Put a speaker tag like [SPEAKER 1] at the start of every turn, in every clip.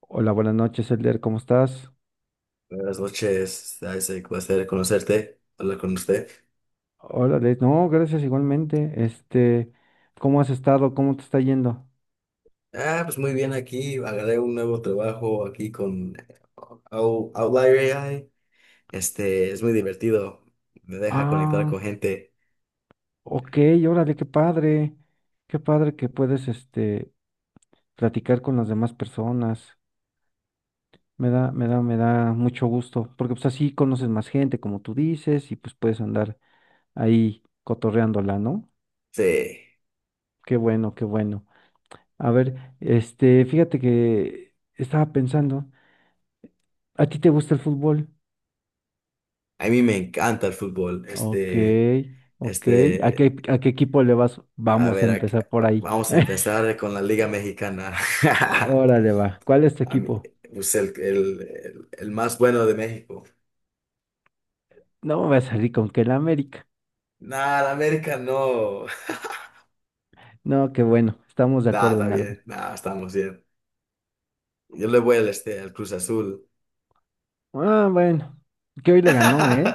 [SPEAKER 1] Hola, buenas noches, Elder, ¿cómo estás?
[SPEAKER 2] Buenas noches, Isaac. Placer conocerte, hablar con usted.
[SPEAKER 1] Hola, Les. No, gracias igualmente. ¿Cómo has estado? ¿Cómo te está yendo?
[SPEAKER 2] Ah, pues muy bien aquí. Agarré un nuevo trabajo aquí con Outlier AI. Es muy divertido. Me deja conectar con
[SPEAKER 1] Ah,
[SPEAKER 2] gente.
[SPEAKER 1] ok, órale, qué padre. Qué padre que puedes, platicar con las demás personas. Me da mucho gusto, porque pues así conoces más gente, como tú dices, y pues puedes andar ahí cotorreándola, ¿no?
[SPEAKER 2] Sí,
[SPEAKER 1] Qué bueno, qué bueno. A ver, fíjate que estaba pensando, ¿a ti te gusta el fútbol?
[SPEAKER 2] a mí me encanta el fútbol.
[SPEAKER 1] Ok, ok. ¿A
[SPEAKER 2] Este,
[SPEAKER 1] qué, a qué equipo le vas?
[SPEAKER 2] a
[SPEAKER 1] Vamos a
[SPEAKER 2] ver,
[SPEAKER 1] empezar por ahí.
[SPEAKER 2] vamos a empezar con la Liga Mexicana.
[SPEAKER 1] Órale, va. ¿Cuál es tu
[SPEAKER 2] A mí,
[SPEAKER 1] equipo?
[SPEAKER 2] pues el más bueno de México.
[SPEAKER 1] No me voy a salir con que el América.
[SPEAKER 2] Nada, América no.
[SPEAKER 1] No, qué bueno. Estamos de
[SPEAKER 2] Nah,
[SPEAKER 1] acuerdo
[SPEAKER 2] está
[SPEAKER 1] en algo.
[SPEAKER 2] bien. Nah, estamos bien. Yo le voy al Cruz Azul.
[SPEAKER 1] Ah, bueno. Que hoy le ganó, ¿eh?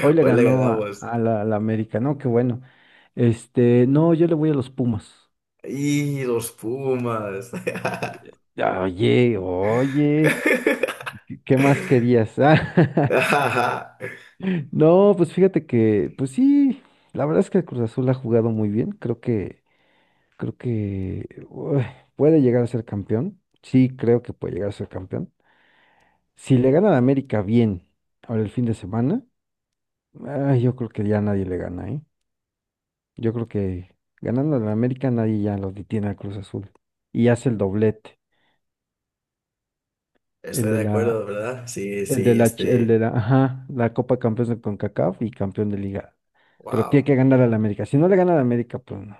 [SPEAKER 1] Hoy le
[SPEAKER 2] Hoy le
[SPEAKER 1] ganó a,
[SPEAKER 2] ganamos.
[SPEAKER 1] a la, a la América. No, qué bueno. No, yo le voy a los Pumas.
[SPEAKER 2] Y los Pumas.
[SPEAKER 1] Ah, oye, oye. ¿Qué más querías? Ah,
[SPEAKER 2] Ajá.
[SPEAKER 1] no, pues fíjate que, pues sí. La verdad es que el Cruz Azul ha jugado muy bien. Creo que puede llegar a ser campeón. Sí, creo que puede llegar a ser campeón. Si le gana a América bien ahora el fin de semana, yo creo que ya nadie le gana, ¿eh? Yo creo que ganando a América nadie ya lo detiene al Cruz Azul. Y hace el doblete.
[SPEAKER 2] Estoy
[SPEAKER 1] El de
[SPEAKER 2] de
[SPEAKER 1] la,
[SPEAKER 2] acuerdo, ¿verdad? Sí,
[SPEAKER 1] el de
[SPEAKER 2] sí.
[SPEAKER 1] la, ch- el de la, ajá, la Copa Campeones de CONCACAF y campeón de Liga. Pero
[SPEAKER 2] Wow.
[SPEAKER 1] tiene que ganar al América. Si no le gana al América, pues no.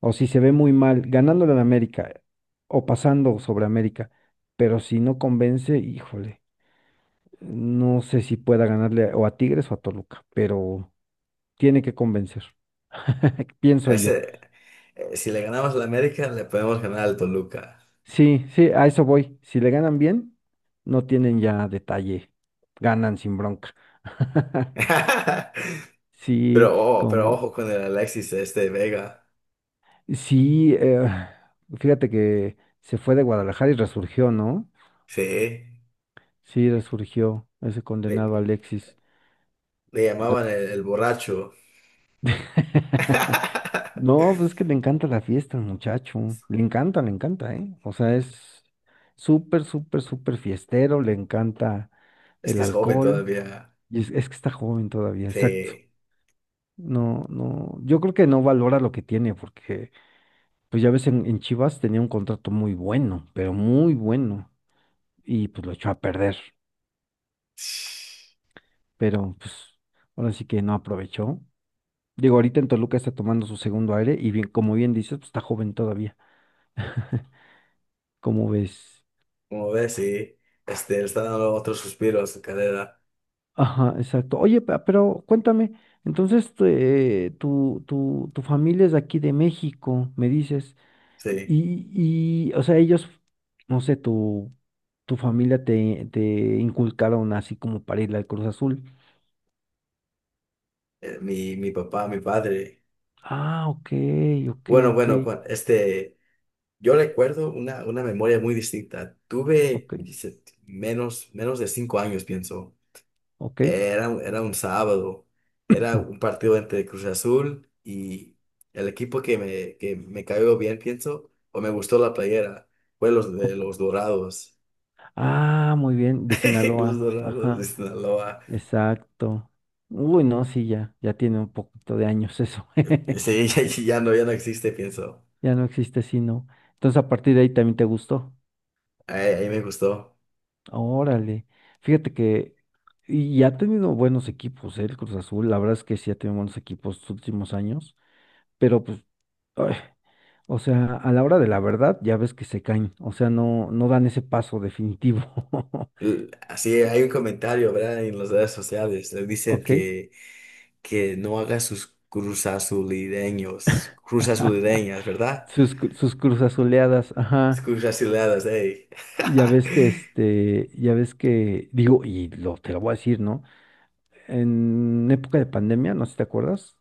[SPEAKER 1] O si se ve muy mal, ganándole al América o pasando sobre América, pero si no convence, híjole, no sé si pueda ganarle o a Tigres o a Toluca, pero tiene que convencer, pienso yo.
[SPEAKER 2] Ese, si le ganamos al América, le podemos ganar al Toluca.
[SPEAKER 1] Sí, sí, a eso voy. Si le ganan bien, no tienen ya detalle, ganan sin bronca.
[SPEAKER 2] Pero,
[SPEAKER 1] Sí,
[SPEAKER 2] oh, pero
[SPEAKER 1] como,
[SPEAKER 2] ojo con el Alexis Vega.
[SPEAKER 1] sí, fíjate que se fue de Guadalajara y resurgió, ¿no?
[SPEAKER 2] Sí.
[SPEAKER 1] Sí, resurgió ese
[SPEAKER 2] Le,
[SPEAKER 1] condenado Alexis.
[SPEAKER 2] le llamaban el borracho.
[SPEAKER 1] No, pues es que le encanta la fiesta al muchacho. Le encanta, ¿eh? O sea, es súper, súper, súper fiestero. Le encanta
[SPEAKER 2] Es
[SPEAKER 1] el
[SPEAKER 2] que es joven
[SPEAKER 1] alcohol.
[SPEAKER 2] todavía.
[SPEAKER 1] Y es que está joven todavía, exacto.
[SPEAKER 2] Sí.
[SPEAKER 1] No, no. Yo creo que no valora lo que tiene, porque, pues ya ves, en Chivas tenía un contrato muy bueno, pero muy bueno. Y pues lo echó a perder. Pero, pues, ahora sí que no aprovechó. Digo, ahorita en Toluca está tomando su segundo aire. Y bien, como bien dices, pues está joven todavía. como ves?
[SPEAKER 2] Como ves, sí, le está dando otros suspiros a su carrera,
[SPEAKER 1] Ajá, exacto. Oye, pero cuéntame, entonces tu familia es de aquí de México, me dices,
[SPEAKER 2] sí.
[SPEAKER 1] y, o sea, ellos, no sé, tu familia te inculcaron así como para ir al Cruz Azul.
[SPEAKER 2] Mi papá, mi padre.
[SPEAKER 1] Ah, ok, ok,
[SPEAKER 2] Bueno,
[SPEAKER 1] ok,
[SPEAKER 2] bueno, yo recuerdo una memoria muy distinta. Tuve
[SPEAKER 1] ok,
[SPEAKER 2] dice, menos de 5 años, pienso.
[SPEAKER 1] ok.
[SPEAKER 2] Era un sábado, era
[SPEAKER 1] Mm,
[SPEAKER 2] un partido entre Cruz Azul y el equipo que me cayó bien, pienso, o me gustó la playera, fue los de
[SPEAKER 1] ok.
[SPEAKER 2] los Dorados,
[SPEAKER 1] Ah, muy bien, de
[SPEAKER 2] los
[SPEAKER 1] Sinaloa,
[SPEAKER 2] Dorados de
[SPEAKER 1] ajá,
[SPEAKER 2] Sinaloa.
[SPEAKER 1] exacto. Uy, no, sí, ya tiene un poquito de años eso.
[SPEAKER 2] Sí, ya no existe, pienso.
[SPEAKER 1] Ya no existe sino. Entonces a partir de ahí también te gustó.
[SPEAKER 2] Ahí me gustó.
[SPEAKER 1] Órale. Fíjate que y ha tenido buenos equipos, ¿eh? El Cruz Azul, la verdad es que sí ha tenido buenos equipos los últimos años, pero pues, ay, o sea, a la hora de la verdad ya ves que se caen, o sea, no dan ese paso definitivo.
[SPEAKER 2] Así hay un comentario, ¿verdad? En las redes sociales. Le dicen
[SPEAKER 1] ¿Ok?
[SPEAKER 2] que no haga sus cruzazulideños, cruzazulideñas, ¿verdad?
[SPEAKER 1] Sus Cruz Azuleadas, ajá.
[SPEAKER 2] Cruzazuliadas, ey.
[SPEAKER 1] Ya ves que este, ya ves que, digo, y te lo voy a decir, ¿no? En época de pandemia, no sé si te acuerdas,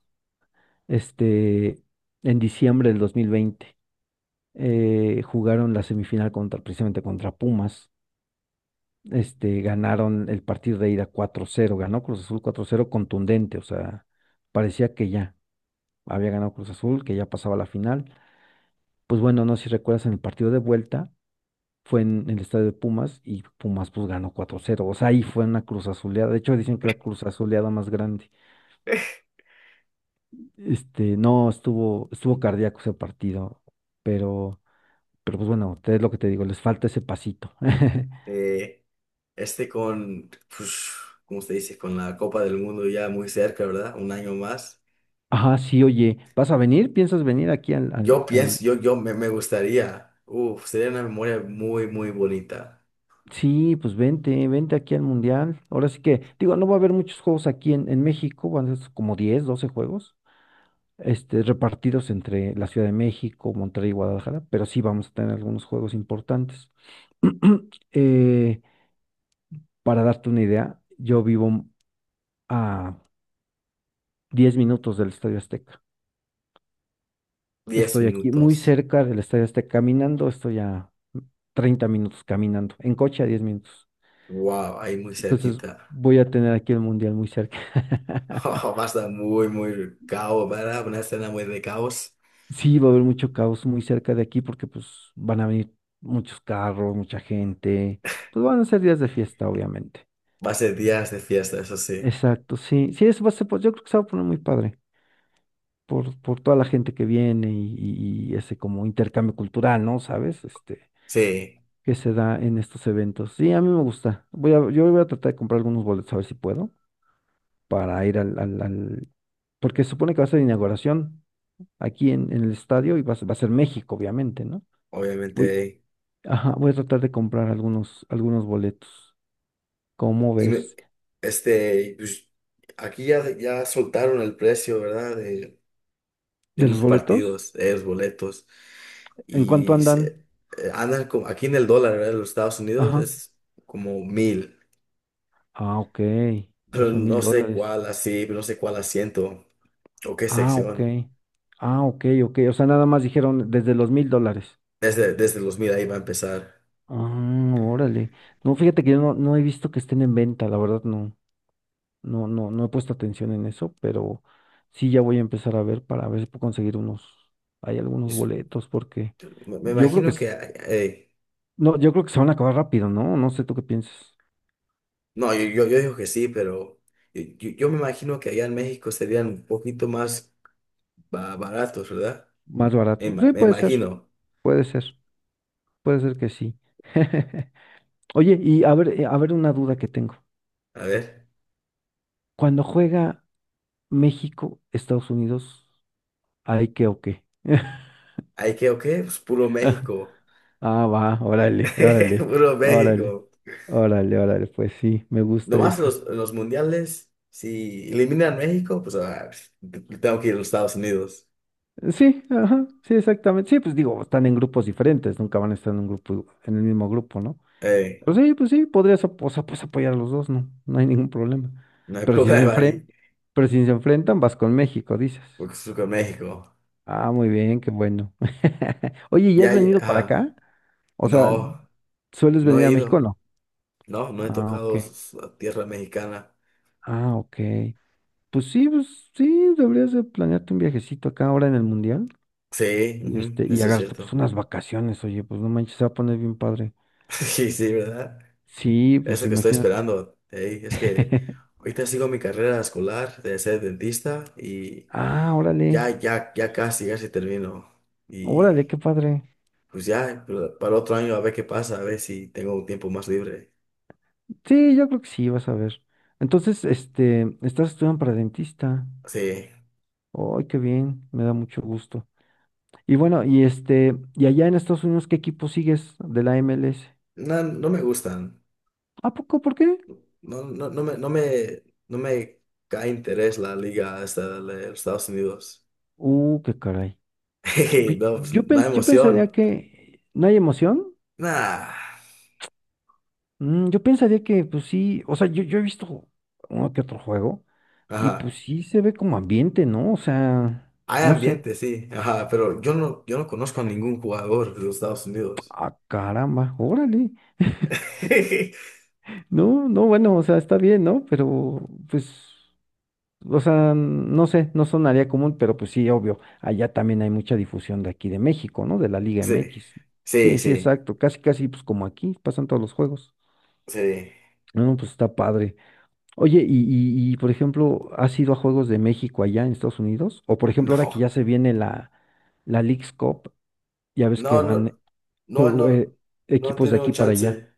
[SPEAKER 1] este, en diciembre del 2020. Jugaron la semifinal contra, precisamente contra Pumas. Ganaron el partido de ida 4-0. Ganó Cruz Azul 4-0, contundente, o sea, parecía que ya había ganado Cruz Azul, que ya pasaba la final. Pues bueno, no sé si recuerdas en el partido de vuelta, fue en el estadio de Pumas y Pumas pues ganó 4-0. O sea, ahí fue una Cruz Azuleada, de hecho dicen que la Cruz Azuleada más grande. No, estuvo cardíaco ese partido, pero Pero pues bueno, es lo que te digo, les falta ese pasito.
[SPEAKER 2] Eh, este con, pues, ¿cómo se dice? Con la Copa del Mundo ya muy cerca, ¿verdad? Un año más.
[SPEAKER 1] Ajá, sí, oye, ¿vas a venir? ¿Piensas venir aquí
[SPEAKER 2] Yo pienso. Me gustaría. Uf, sería una memoria muy, muy bonita.
[SPEAKER 1] Sí, pues vente, vente aquí al Mundial. Ahora sí que, digo, no va a haber muchos juegos aquí en México, van a ser como 10 12 juegos, repartidos entre la Ciudad de México, Monterrey y Guadalajara, pero sí vamos a tener algunos juegos importantes. Eh, para darte una idea, yo vivo a 10 minutos del Estadio Azteca.
[SPEAKER 2] Diez
[SPEAKER 1] Estoy aquí
[SPEAKER 2] minutos.
[SPEAKER 1] muy cerca del Estadio Azteca caminando, estoy a 30 minutos caminando, en coche a 10 minutos.
[SPEAKER 2] Wow, ahí muy
[SPEAKER 1] Entonces
[SPEAKER 2] cerquita.
[SPEAKER 1] voy a tener aquí el mundial muy cerca.
[SPEAKER 2] Va a estar muy, muy caos, ¿verdad? Una escena muy de caos.
[SPEAKER 1] Sí, va a haber mucho caos muy cerca de aquí porque pues van a venir muchos carros, mucha gente. Pues van a ser días de fiesta, obviamente.
[SPEAKER 2] Va a ser días de fiesta, eso sí.
[SPEAKER 1] Exacto, sí. Sí, eso va a ser, pues, yo creo que se va a poner muy padre por toda la gente que viene y, y ese como intercambio cultural, ¿no? ¿Sabes?
[SPEAKER 2] Sí,
[SPEAKER 1] Que se da en estos eventos. Sí, a mí me gusta. Yo voy a tratar de comprar algunos boletos a ver si puedo para ir porque se supone que va a ser inauguración aquí en el estadio y va a ser México, obviamente, ¿no? Voy,
[SPEAKER 2] obviamente.
[SPEAKER 1] ajá, voy a tratar de comprar algunos boletos. ¿Cómo
[SPEAKER 2] Y me-
[SPEAKER 1] ves?
[SPEAKER 2] pues, aquí ya soltaron el precio, ¿verdad? De
[SPEAKER 1] ¿De los
[SPEAKER 2] unos
[SPEAKER 1] boletos?
[SPEAKER 2] partidos, de los boletos.
[SPEAKER 1] ¿En cuánto
[SPEAKER 2] Y
[SPEAKER 1] andan?
[SPEAKER 2] se- andan como, aquí en el dólar, ¿verdad? En los Estados Unidos
[SPEAKER 1] Ajá.
[SPEAKER 2] es como 1,000.
[SPEAKER 1] Ah, ok. O
[SPEAKER 2] Pero
[SPEAKER 1] sea, mil
[SPEAKER 2] no sé
[SPEAKER 1] dólares.
[SPEAKER 2] cuál así, no sé cuál asiento o qué
[SPEAKER 1] Ah, ok.
[SPEAKER 2] sección.
[SPEAKER 1] Ah, ok, ok. O sea, nada más dijeron desde los mil dólares.
[SPEAKER 2] Desde los 1,000 ahí va a empezar.
[SPEAKER 1] Ah, órale. No, fíjate que yo no he visto que estén en venta, la verdad no he puesto atención en eso, pero sí ya voy a empezar a ver para ver si puedo conseguir unos, hay algunos
[SPEAKER 2] Es-
[SPEAKER 1] boletos, porque
[SPEAKER 2] me
[SPEAKER 1] yo creo que
[SPEAKER 2] imagino que...
[SPEAKER 1] sí-
[SPEAKER 2] eh,
[SPEAKER 1] no, yo creo que se van a acabar rápido, ¿no? No sé tú qué piensas.
[SPEAKER 2] no, yo digo que sí, pero yo me imagino que allá en México serían un poquito más baratos, ¿verdad?
[SPEAKER 1] Más
[SPEAKER 2] Me,
[SPEAKER 1] barato.
[SPEAKER 2] ima-
[SPEAKER 1] Sí,
[SPEAKER 2] me
[SPEAKER 1] puede ser,
[SPEAKER 2] imagino.
[SPEAKER 1] puede ser, puede ser que sí. Oye, y a ver una duda que tengo.
[SPEAKER 2] A ver,
[SPEAKER 1] Cuando juega México, Estados Unidos, ¿hay qué o qué?
[SPEAKER 2] ¿hay que o qué? Pues puro México.
[SPEAKER 1] Ah, va, órale, órale,
[SPEAKER 2] Puro
[SPEAKER 1] órale,
[SPEAKER 2] México.
[SPEAKER 1] órale, órale, pues sí, me gusta
[SPEAKER 2] Nomás
[SPEAKER 1] eso.
[SPEAKER 2] los mundiales, si eliminan México, pues tengo que ir a los Estados Unidos.
[SPEAKER 1] Sí, ajá, sí, exactamente. Sí, pues digo, están en grupos diferentes, nunca van a estar en un grupo, en el mismo grupo, ¿no?
[SPEAKER 2] Eh,
[SPEAKER 1] Pero sí, pues sí, podrías o sea, pues apoyar a los dos, ¿no? No hay ningún problema.
[SPEAKER 2] no hay
[SPEAKER 1] Pero si se
[SPEAKER 2] problema
[SPEAKER 1] enfrentan,
[SPEAKER 2] ahí.
[SPEAKER 1] pero si se enfrentan, vas con México, dices.
[SPEAKER 2] Oaxaca, México.
[SPEAKER 1] Ah, muy bien, qué bueno. Oye, ¿y has
[SPEAKER 2] Ya, ya,
[SPEAKER 1] venido para
[SPEAKER 2] ajá.
[SPEAKER 1] acá? O sea,
[SPEAKER 2] No,
[SPEAKER 1] ¿sueles
[SPEAKER 2] no
[SPEAKER 1] venir
[SPEAKER 2] he
[SPEAKER 1] a México o
[SPEAKER 2] ido.
[SPEAKER 1] no?
[SPEAKER 2] No, no he
[SPEAKER 1] Ah, ok.
[SPEAKER 2] tocado la tierra mexicana.
[SPEAKER 1] Ah, ok. Pues sí, deberías de planearte un viajecito acá ahora en el mundial.
[SPEAKER 2] Sí,
[SPEAKER 1] y
[SPEAKER 2] ujú,
[SPEAKER 1] Este, y
[SPEAKER 2] eso es
[SPEAKER 1] agarrarte pues
[SPEAKER 2] cierto.
[SPEAKER 1] unas vacaciones, oye, pues no manches, se va a poner bien padre.
[SPEAKER 2] Sí, sí, ¿verdad?
[SPEAKER 1] Sí, pues
[SPEAKER 2] Eso que estoy
[SPEAKER 1] imagínate.
[SPEAKER 2] esperando. Ey, es que ahorita sigo mi carrera escolar de ser dentista y
[SPEAKER 1] Ah, órale,
[SPEAKER 2] ya casi, casi termino. Y
[SPEAKER 1] órale, qué padre.
[SPEAKER 2] pues ya, para el otro año a ver qué pasa, a ver si tengo un tiempo más libre.
[SPEAKER 1] Sí, yo creo que sí, vas a ver. Entonces, estás estudiando para dentista.
[SPEAKER 2] Sí,
[SPEAKER 1] Ay, qué bien, me da mucho gusto. Y bueno, y y allá en Estados Unidos, ¿qué equipo sigues de la MLS?
[SPEAKER 2] no, no me gustan.
[SPEAKER 1] ¿A poco? ¿Por qué?
[SPEAKER 2] No, no me cae interés la liga esta de los Estados Unidos.
[SPEAKER 1] Qué caray.
[SPEAKER 2] Hey,
[SPEAKER 1] Pi-
[SPEAKER 2] no, pues,
[SPEAKER 1] Yo
[SPEAKER 2] no hay
[SPEAKER 1] pens- yo
[SPEAKER 2] emoción.
[SPEAKER 1] pensaría que no hay emoción.
[SPEAKER 2] Nah.
[SPEAKER 1] Yo pensaría que, pues sí, o sea, yo he visto uno que otro juego y pues
[SPEAKER 2] Ajá.
[SPEAKER 1] sí se ve como ambiente, ¿no? O sea,
[SPEAKER 2] Hay
[SPEAKER 1] no sé.
[SPEAKER 2] ambiente, sí. Ajá, pero yo no conozco a ningún jugador de los Estados Unidos.
[SPEAKER 1] Ah, caramba, órale. No, no, bueno, o sea, está bien, ¿no? Pero, pues, o sea, no sé, no sonaría común, pero pues sí, obvio, allá también hay mucha difusión de aquí de México, ¿no? De la Liga
[SPEAKER 2] Sí,
[SPEAKER 1] MX.
[SPEAKER 2] sí,
[SPEAKER 1] Sí, sí,
[SPEAKER 2] sí,
[SPEAKER 1] exacto, casi, casi, pues como aquí, pasan todos los juegos.
[SPEAKER 2] sí.
[SPEAKER 1] No, pues está padre. Oye, y, por ejemplo, ¿has ido a Juegos de México allá en Estados Unidos? O por ejemplo, ahora que
[SPEAKER 2] No,
[SPEAKER 1] ya se viene la Leagues Cup, ya ves que
[SPEAKER 2] no, no,
[SPEAKER 1] van
[SPEAKER 2] no,
[SPEAKER 1] jue-
[SPEAKER 2] no,
[SPEAKER 1] eh,
[SPEAKER 2] no he
[SPEAKER 1] equipos de
[SPEAKER 2] tenido
[SPEAKER 1] aquí para allá.
[SPEAKER 2] chance.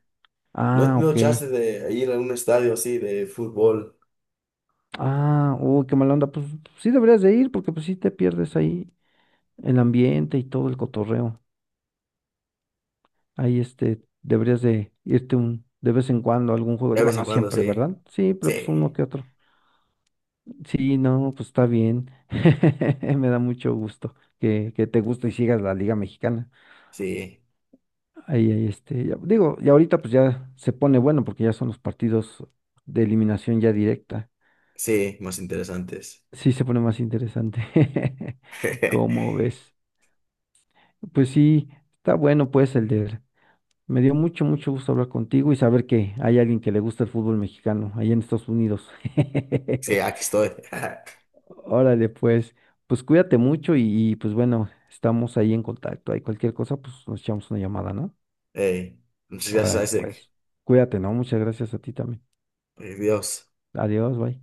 [SPEAKER 2] No he
[SPEAKER 1] Ah,
[SPEAKER 2] tenido
[SPEAKER 1] ok.
[SPEAKER 2] chance de ir a un estadio así de fútbol.
[SPEAKER 1] Ah, uy, qué mala onda. Pues sí deberías de ir porque pues sí te pierdes ahí el ambiente y todo el cotorreo. Ahí deberías de irte de vez en cuando a algún juego.
[SPEAKER 2] De
[SPEAKER 1] Digo,
[SPEAKER 2] vez en
[SPEAKER 1] no
[SPEAKER 2] cuando,
[SPEAKER 1] siempre,
[SPEAKER 2] sí.
[SPEAKER 1] ¿verdad? Sí, pero pues uno
[SPEAKER 2] Sí,
[SPEAKER 1] que otro. Sí, no, pues está bien. Me da mucho gusto que te guste y sigas la Liga Mexicana.
[SPEAKER 2] sí,
[SPEAKER 1] Ahí, ahí, digo, y ahorita pues ya se pone bueno porque ya son los partidos de eliminación ya directa.
[SPEAKER 2] sí, más interesantes.
[SPEAKER 1] Sí, se pone más interesante. ¿Cómo ves? Pues sí, está bueno pues el de... Me dio mucho, mucho gusto hablar contigo y saber que hay alguien que le gusta el fútbol mexicano allá en Estados Unidos.
[SPEAKER 2] Sí, aquí estoy.
[SPEAKER 1] Órale, pues, cuídate mucho y pues bueno, estamos ahí en contacto. Hay cualquier cosa, pues nos echamos una llamada, ¿no?
[SPEAKER 2] Ey, muchas
[SPEAKER 1] Órale,
[SPEAKER 2] gracias, Isaac.
[SPEAKER 1] pues, cuídate, ¿no? Muchas gracias a ti también.
[SPEAKER 2] Ay, Dios.
[SPEAKER 1] Adiós, bye.